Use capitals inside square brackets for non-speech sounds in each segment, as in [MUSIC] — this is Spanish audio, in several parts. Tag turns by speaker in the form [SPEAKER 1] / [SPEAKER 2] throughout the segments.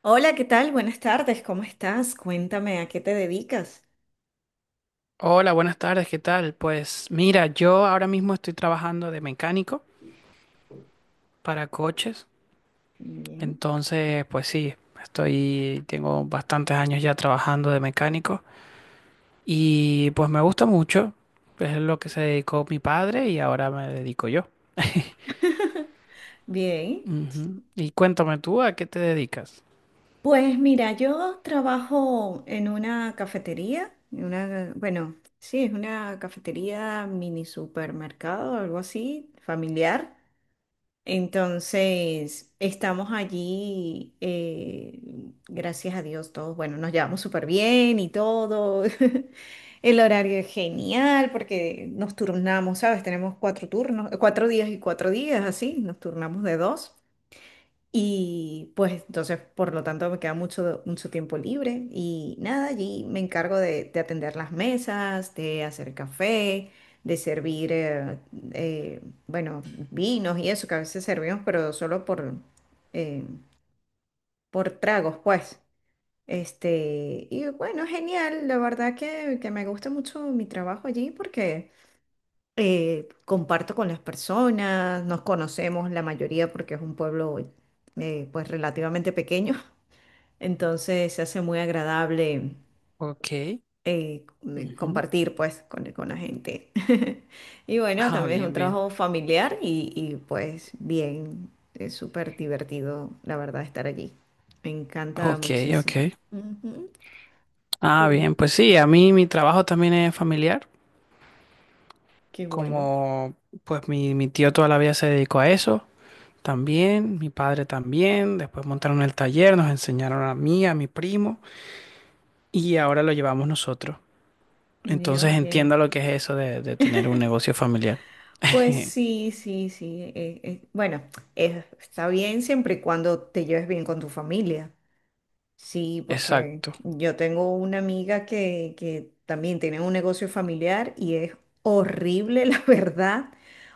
[SPEAKER 1] Hola, ¿qué tal? Buenas tardes, ¿cómo estás? Cuéntame, ¿a qué te dedicas?
[SPEAKER 2] Hola, buenas tardes, ¿qué tal? Pues mira, yo ahora mismo estoy trabajando de mecánico para coches,
[SPEAKER 1] Bien.
[SPEAKER 2] entonces pues sí, estoy, tengo bastantes años ya trabajando de mecánico y pues me gusta mucho, es lo que se dedicó mi padre y ahora me dedico yo.
[SPEAKER 1] Bien.
[SPEAKER 2] Ujú. Y cuéntame tú, ¿a qué te dedicas?
[SPEAKER 1] Pues mira, yo trabajo en una cafetería, en una, bueno, sí, es una cafetería mini supermercado, algo así, familiar. Entonces, estamos allí, gracias a Dios, todos, bueno, nos llevamos súper bien y todo. [LAUGHS] El horario es genial porque nos turnamos, ¿sabes? Tenemos cuatro turnos, 4 días y 4 días, así, nos turnamos de dos. Y pues entonces, por lo tanto, me queda mucho, mucho tiempo libre y nada, allí me encargo de atender las mesas, de hacer café, de servir, eh, bueno, vinos y eso que a veces servimos, pero solo eh, por tragos, pues. Este, y bueno, genial, la verdad que me gusta mucho mi trabajo allí porque comparto con las personas, nos conocemos la mayoría porque es un pueblo, pues relativamente pequeño. Entonces se hace muy agradable,
[SPEAKER 2] Ok. Ujú.
[SPEAKER 1] compartir pues con la gente. [LAUGHS] Y bueno,
[SPEAKER 2] Ah,
[SPEAKER 1] también es un
[SPEAKER 2] bien, bien.
[SPEAKER 1] trabajo familiar pues bien, es súper divertido, la verdad, estar allí. Me encanta
[SPEAKER 2] Ok, ok.
[SPEAKER 1] muchísimo. Ujú.
[SPEAKER 2] Ah, bien,
[SPEAKER 1] Pues
[SPEAKER 2] pues sí, a mí mi trabajo también es familiar,
[SPEAKER 1] qué bueno.
[SPEAKER 2] como pues mi tío toda la vida se dedicó a eso también, mi padre también, después montaron el taller, nos enseñaron a mí, a mi primo y ahora lo llevamos nosotros. Entonces
[SPEAKER 1] Bien, bien.
[SPEAKER 2] entiendo lo que es eso de tener un negocio familiar. [LAUGHS]
[SPEAKER 1] Pues sí, sí, sí. Bueno, está bien siempre y cuando te lleves bien con tu familia. Sí, porque
[SPEAKER 2] Exacto.
[SPEAKER 1] yo tengo una amiga que también tiene un negocio familiar y es horrible, [LAUGHS] la verdad.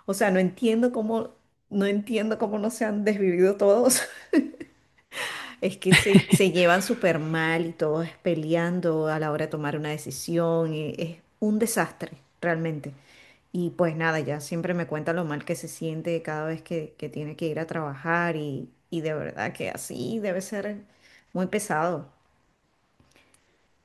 [SPEAKER 1] O sea, no entiendo cómo no se han desvivido todos. [LAUGHS] Es que se llevan súper mal y todos peleando a la hora de tomar una decisión. Y es un desastre, realmente. Y pues nada, ya siempre me cuenta lo mal que se siente cada vez que tiene que ir a trabajar y de verdad que así debe ser muy pesado.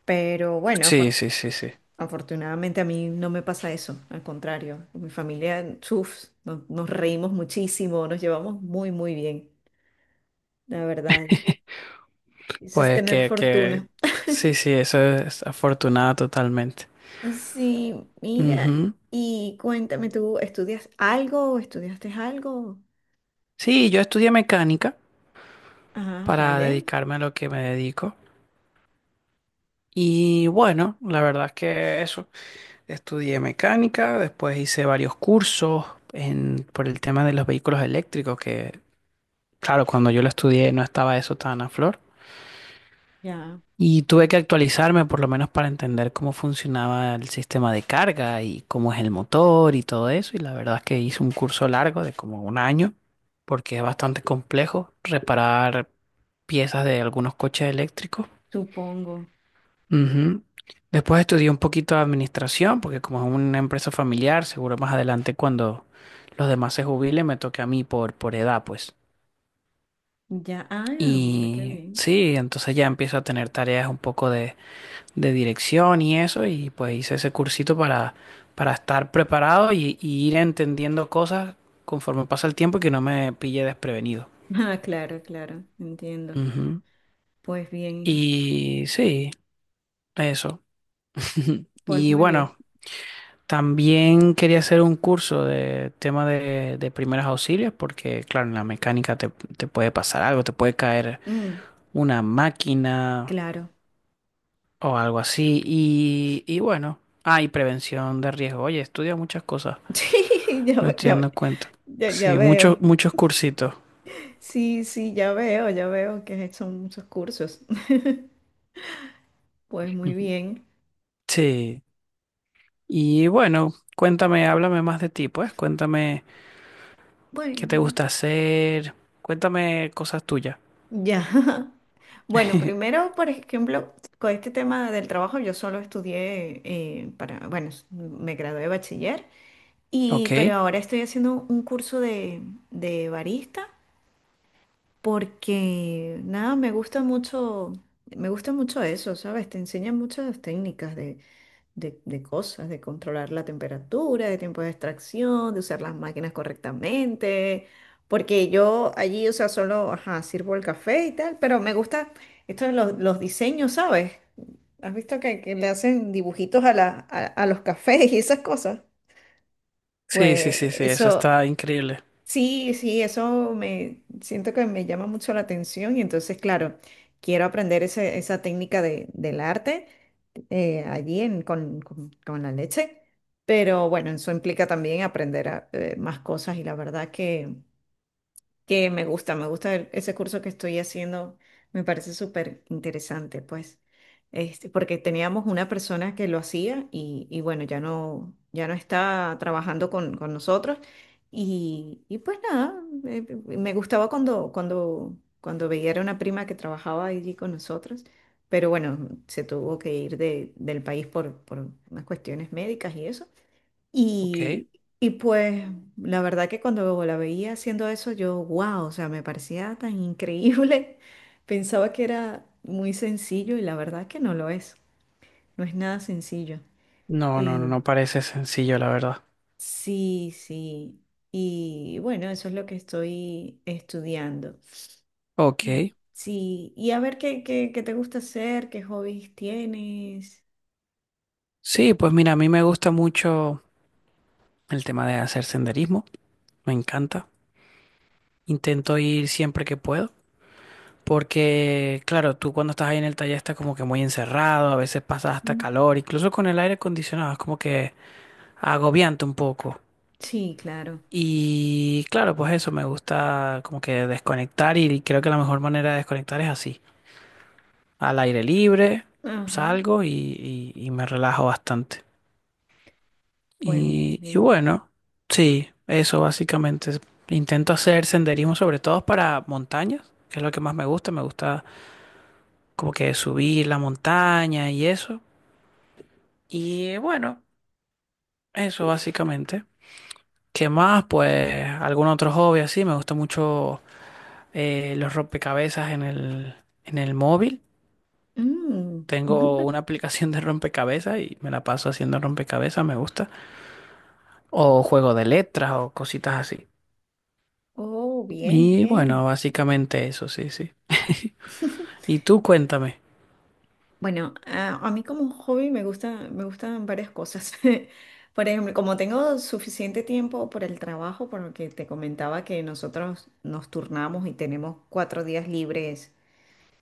[SPEAKER 1] Pero bueno,
[SPEAKER 2] Sí, sí, sí, sí.
[SPEAKER 1] afortunadamente a mí no me pasa eso, al contrario, con mi familia, chuf, nos reímos muchísimo, nos llevamos muy, muy bien, la verdad. Eso es
[SPEAKER 2] Pues
[SPEAKER 1] tener fortuna.
[SPEAKER 2] sí, sí, eso es afortunada totalmente.
[SPEAKER 1] Sí, mira,
[SPEAKER 2] Ujú.
[SPEAKER 1] y cuéntame, ¿tú estudias algo o estudiaste algo?
[SPEAKER 2] Sí, yo estudié mecánica
[SPEAKER 1] Ah,
[SPEAKER 2] para
[SPEAKER 1] vale,
[SPEAKER 2] dedicarme a lo que me dedico. Y bueno, la verdad es que eso. Estudié mecánica, después hice varios cursos en, por el tema de los vehículos eléctricos, que claro, cuando yo lo estudié no estaba eso tan a flor.
[SPEAKER 1] ya,
[SPEAKER 2] Y tuve que actualizarme por lo menos para entender cómo funcionaba el sistema de carga y cómo es el motor y todo eso. Y la verdad es que hice un curso largo de como un año, porque es bastante complejo reparar piezas de algunos coches eléctricos.
[SPEAKER 1] supongo.
[SPEAKER 2] Ujú. Después estudié un poquito de administración, porque como es una empresa familiar, seguro más adelante cuando los demás se jubilen me toque a mí por edad, pues.
[SPEAKER 1] Ya, ah, mira qué
[SPEAKER 2] Y
[SPEAKER 1] bien.
[SPEAKER 2] sí, entonces ya empiezo a tener tareas un poco de dirección y eso, y pues hice ese cursito para estar preparado y ir entendiendo cosas conforme pasa el tiempo y que no me pille desprevenido.
[SPEAKER 1] [LAUGHS] Ah, claro, claro, entiendo.
[SPEAKER 2] Ujú.
[SPEAKER 1] Pues bien,
[SPEAKER 2] Y sí, eso. [LAUGHS]
[SPEAKER 1] pues
[SPEAKER 2] Y
[SPEAKER 1] muy bien.
[SPEAKER 2] bueno, también quería hacer un curso de tema de primeros auxilios porque, claro, en la mecánica te, te puede pasar algo, te puede caer
[SPEAKER 1] Mm,
[SPEAKER 2] una máquina
[SPEAKER 1] claro.
[SPEAKER 2] o algo así. Y bueno, hay prevención de riesgo. Oye, estudia muchas cosas,
[SPEAKER 1] [LAUGHS] Sí, ya,
[SPEAKER 2] me estoy
[SPEAKER 1] ya.
[SPEAKER 2] dando cuenta.
[SPEAKER 1] Ya, ya
[SPEAKER 2] Sí, muchos,
[SPEAKER 1] veo.
[SPEAKER 2] muchos cursitos.
[SPEAKER 1] Sí, sí, ya veo que has hecho muchos cursos. [LAUGHS] Pues muy
[SPEAKER 2] Ujú.
[SPEAKER 1] bien.
[SPEAKER 2] Sí. Y bueno, cuéntame, háblame más de ti, pues. Cuéntame qué te
[SPEAKER 1] Bueno,
[SPEAKER 2] gusta hacer. Cuéntame cosas tuyas.
[SPEAKER 1] ya. [LAUGHS] Bueno,
[SPEAKER 2] [LAUGHS]
[SPEAKER 1] primero, por ejemplo, con este tema del trabajo, yo solo estudié para, bueno, me gradué de bachiller, y,
[SPEAKER 2] Ok.
[SPEAKER 1] pero ahora estoy haciendo un curso de, barista porque, nada, me gusta mucho eso, ¿sabes? Te enseñan muchas técnicas de cosas, de controlar la temperatura, de tiempo de extracción, de usar las máquinas correctamente, porque yo allí, o sea, solo, ajá, sirvo el café y tal, pero me gusta esto de los diseños, ¿sabes? ¿Has visto que le hacen dibujitos a los cafés y esas cosas?
[SPEAKER 2] Sí, sí,
[SPEAKER 1] Pues
[SPEAKER 2] sí, sí, eso
[SPEAKER 1] eso,
[SPEAKER 2] está increíble.
[SPEAKER 1] sí, sí, eso me siento que me llama mucho la atención y entonces, claro, quiero aprender esa técnica del arte, allí con la leche, pero bueno, eso implica también aprender más cosas y la verdad que me gusta ese curso que estoy haciendo, me parece súper interesante, pues, este, porque teníamos una persona que lo hacía y bueno, ya no está trabajando con nosotros y pues nada, eh, me gustaba cuando veía era una prima que trabajaba allí con nosotros, pero bueno, se tuvo que ir del país por unas cuestiones médicas y eso.
[SPEAKER 2] Ok.
[SPEAKER 1] Y, y pues la verdad que cuando la veía haciendo eso, yo, wow, o sea, me parecía tan increíble. [LAUGHS] Pensaba que era muy sencillo y la verdad que no lo es. No es nada sencillo.
[SPEAKER 2] No, no, no
[SPEAKER 1] Eh,
[SPEAKER 2] no parece sencillo, la verdad.
[SPEAKER 1] sí, sí. Y bueno, eso es lo que estoy estudiando. Y
[SPEAKER 2] Ok.
[SPEAKER 1] sí, y a ver qué te gusta hacer, qué hobbies tienes.
[SPEAKER 2] Sí, pues mira, a mí me gusta mucho el tema de hacer senderismo, me encanta. Intento ir siempre que puedo, porque claro, tú cuando estás ahí en el taller estás como que muy encerrado, a veces pasas hasta
[SPEAKER 1] Mm.
[SPEAKER 2] calor, incluso con el aire acondicionado es como que agobiante un poco.
[SPEAKER 1] Sí, claro.
[SPEAKER 2] Y claro, pues eso, me gusta como que desconectar y creo que la mejor manera de desconectar es así, al aire libre,
[SPEAKER 1] Ajá.
[SPEAKER 2] salgo y me relajo bastante.
[SPEAKER 1] Pues,
[SPEAKER 2] Y
[SPEAKER 1] pues,
[SPEAKER 2] bueno, sí, eso básicamente. Intento hacer senderismo sobre todo para montañas, que es lo que más me gusta. Me gusta como que subir la montaña y eso. Y bueno, eso básicamente. ¿Qué más? Pues algún otro hobby así. Me gusta mucho los rompecabezas en el móvil.
[SPEAKER 1] mm.
[SPEAKER 2] Tengo
[SPEAKER 1] [LAUGHS]
[SPEAKER 2] una aplicación de rompecabezas y me la paso haciendo rompecabezas, me gusta. O juego de letras o cositas así.
[SPEAKER 1] Oh, bien,
[SPEAKER 2] Y
[SPEAKER 1] bien.
[SPEAKER 2] bueno, básicamente eso, sí, sí. [LAUGHS]
[SPEAKER 1] [LAUGHS]
[SPEAKER 2] Y tú cuéntame.
[SPEAKER 1] Bueno, a mí como hobby me gustan varias cosas. [LAUGHS] Por ejemplo, como tengo suficiente tiempo por el trabajo, por lo que te comentaba que nosotros nos turnamos y tenemos 4 días libres,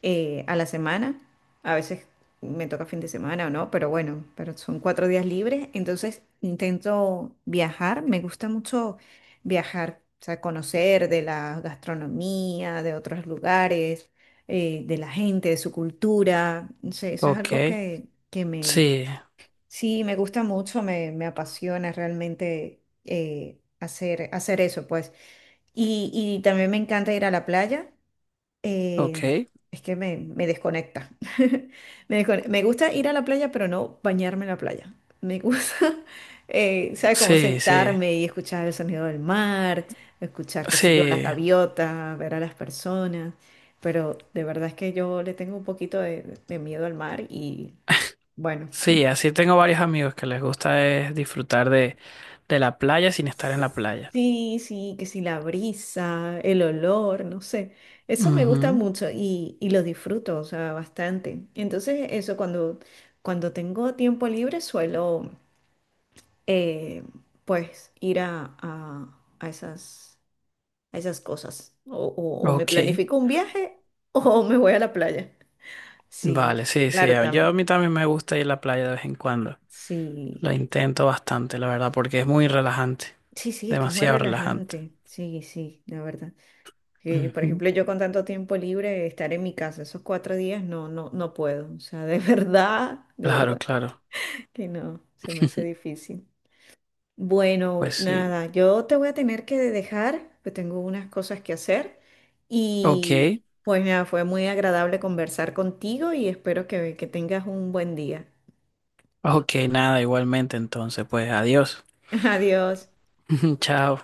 [SPEAKER 1] a la semana. A veces me toca fin de semana o no, pero bueno, pero son 4 días libres. Entonces intento viajar. Me gusta mucho viajar, o sea, conocer de la gastronomía, de otros lugares, de la gente, de su cultura. No sé, eso es
[SPEAKER 2] Ok,
[SPEAKER 1] algo
[SPEAKER 2] sí,
[SPEAKER 1] sí, me gusta mucho, me apasiona realmente hacer eso, pues. Y también me encanta ir a la playa,
[SPEAKER 2] ok,
[SPEAKER 1] eh, es que me desconecta. [LAUGHS] Me gusta ir a la playa, pero no bañarme en la playa. Me gusta, [LAUGHS] ¿sabes? Como
[SPEAKER 2] sí, sí,
[SPEAKER 1] sentarme y escuchar el sonido del mar, escuchar, qué sé yo, las
[SPEAKER 2] sí,
[SPEAKER 1] gaviotas, ver a las personas. Pero de verdad es que yo le tengo un poquito de miedo al mar y bueno.
[SPEAKER 2] sí, así tengo varios amigos que les gusta es disfrutar de la playa sin estar en la playa.
[SPEAKER 1] Sí, sí, que si la brisa, el olor, no sé. Eso me gusta
[SPEAKER 2] Ujú.
[SPEAKER 1] mucho y lo disfruto, o sea, bastante. Entonces, eso cuando, tengo tiempo libre suelo, eh, pues, ir a esas cosas. O me
[SPEAKER 2] Ok,
[SPEAKER 1] planifico un viaje [LAUGHS] o me voy a la playa. Sí,
[SPEAKER 2] vale, sí, sí,
[SPEAKER 1] claro,
[SPEAKER 2] yo a
[SPEAKER 1] también.
[SPEAKER 2] mí también me gusta ir a la playa de vez en cuando.
[SPEAKER 1] Sí,
[SPEAKER 2] Lo intento bastante, la verdad, porque es muy relajante,
[SPEAKER 1] sí, sí, es que es muy
[SPEAKER 2] demasiado relajante.
[SPEAKER 1] relajante. Sí, sí, la verdad. Que, por
[SPEAKER 2] Ujú.
[SPEAKER 1] ejemplo, yo con tanto tiempo libre, estar en mi casa esos 4 días, no, no, no puedo. O sea, de [LAUGHS] verdad, de
[SPEAKER 2] Claro,
[SPEAKER 1] verdad
[SPEAKER 2] claro,
[SPEAKER 1] que no, se me hace difícil. Bueno,
[SPEAKER 2] pues sí.
[SPEAKER 1] nada, yo te voy a tener que dejar, pues tengo unas cosas que hacer
[SPEAKER 2] Ok.
[SPEAKER 1] y pues nada, fue muy agradable conversar contigo y espero que tengas un buen día.
[SPEAKER 2] Ok, nada, igualmente entonces, pues adiós.
[SPEAKER 1] [LAUGHS] Adiós.
[SPEAKER 2] [LAUGHS] Chao.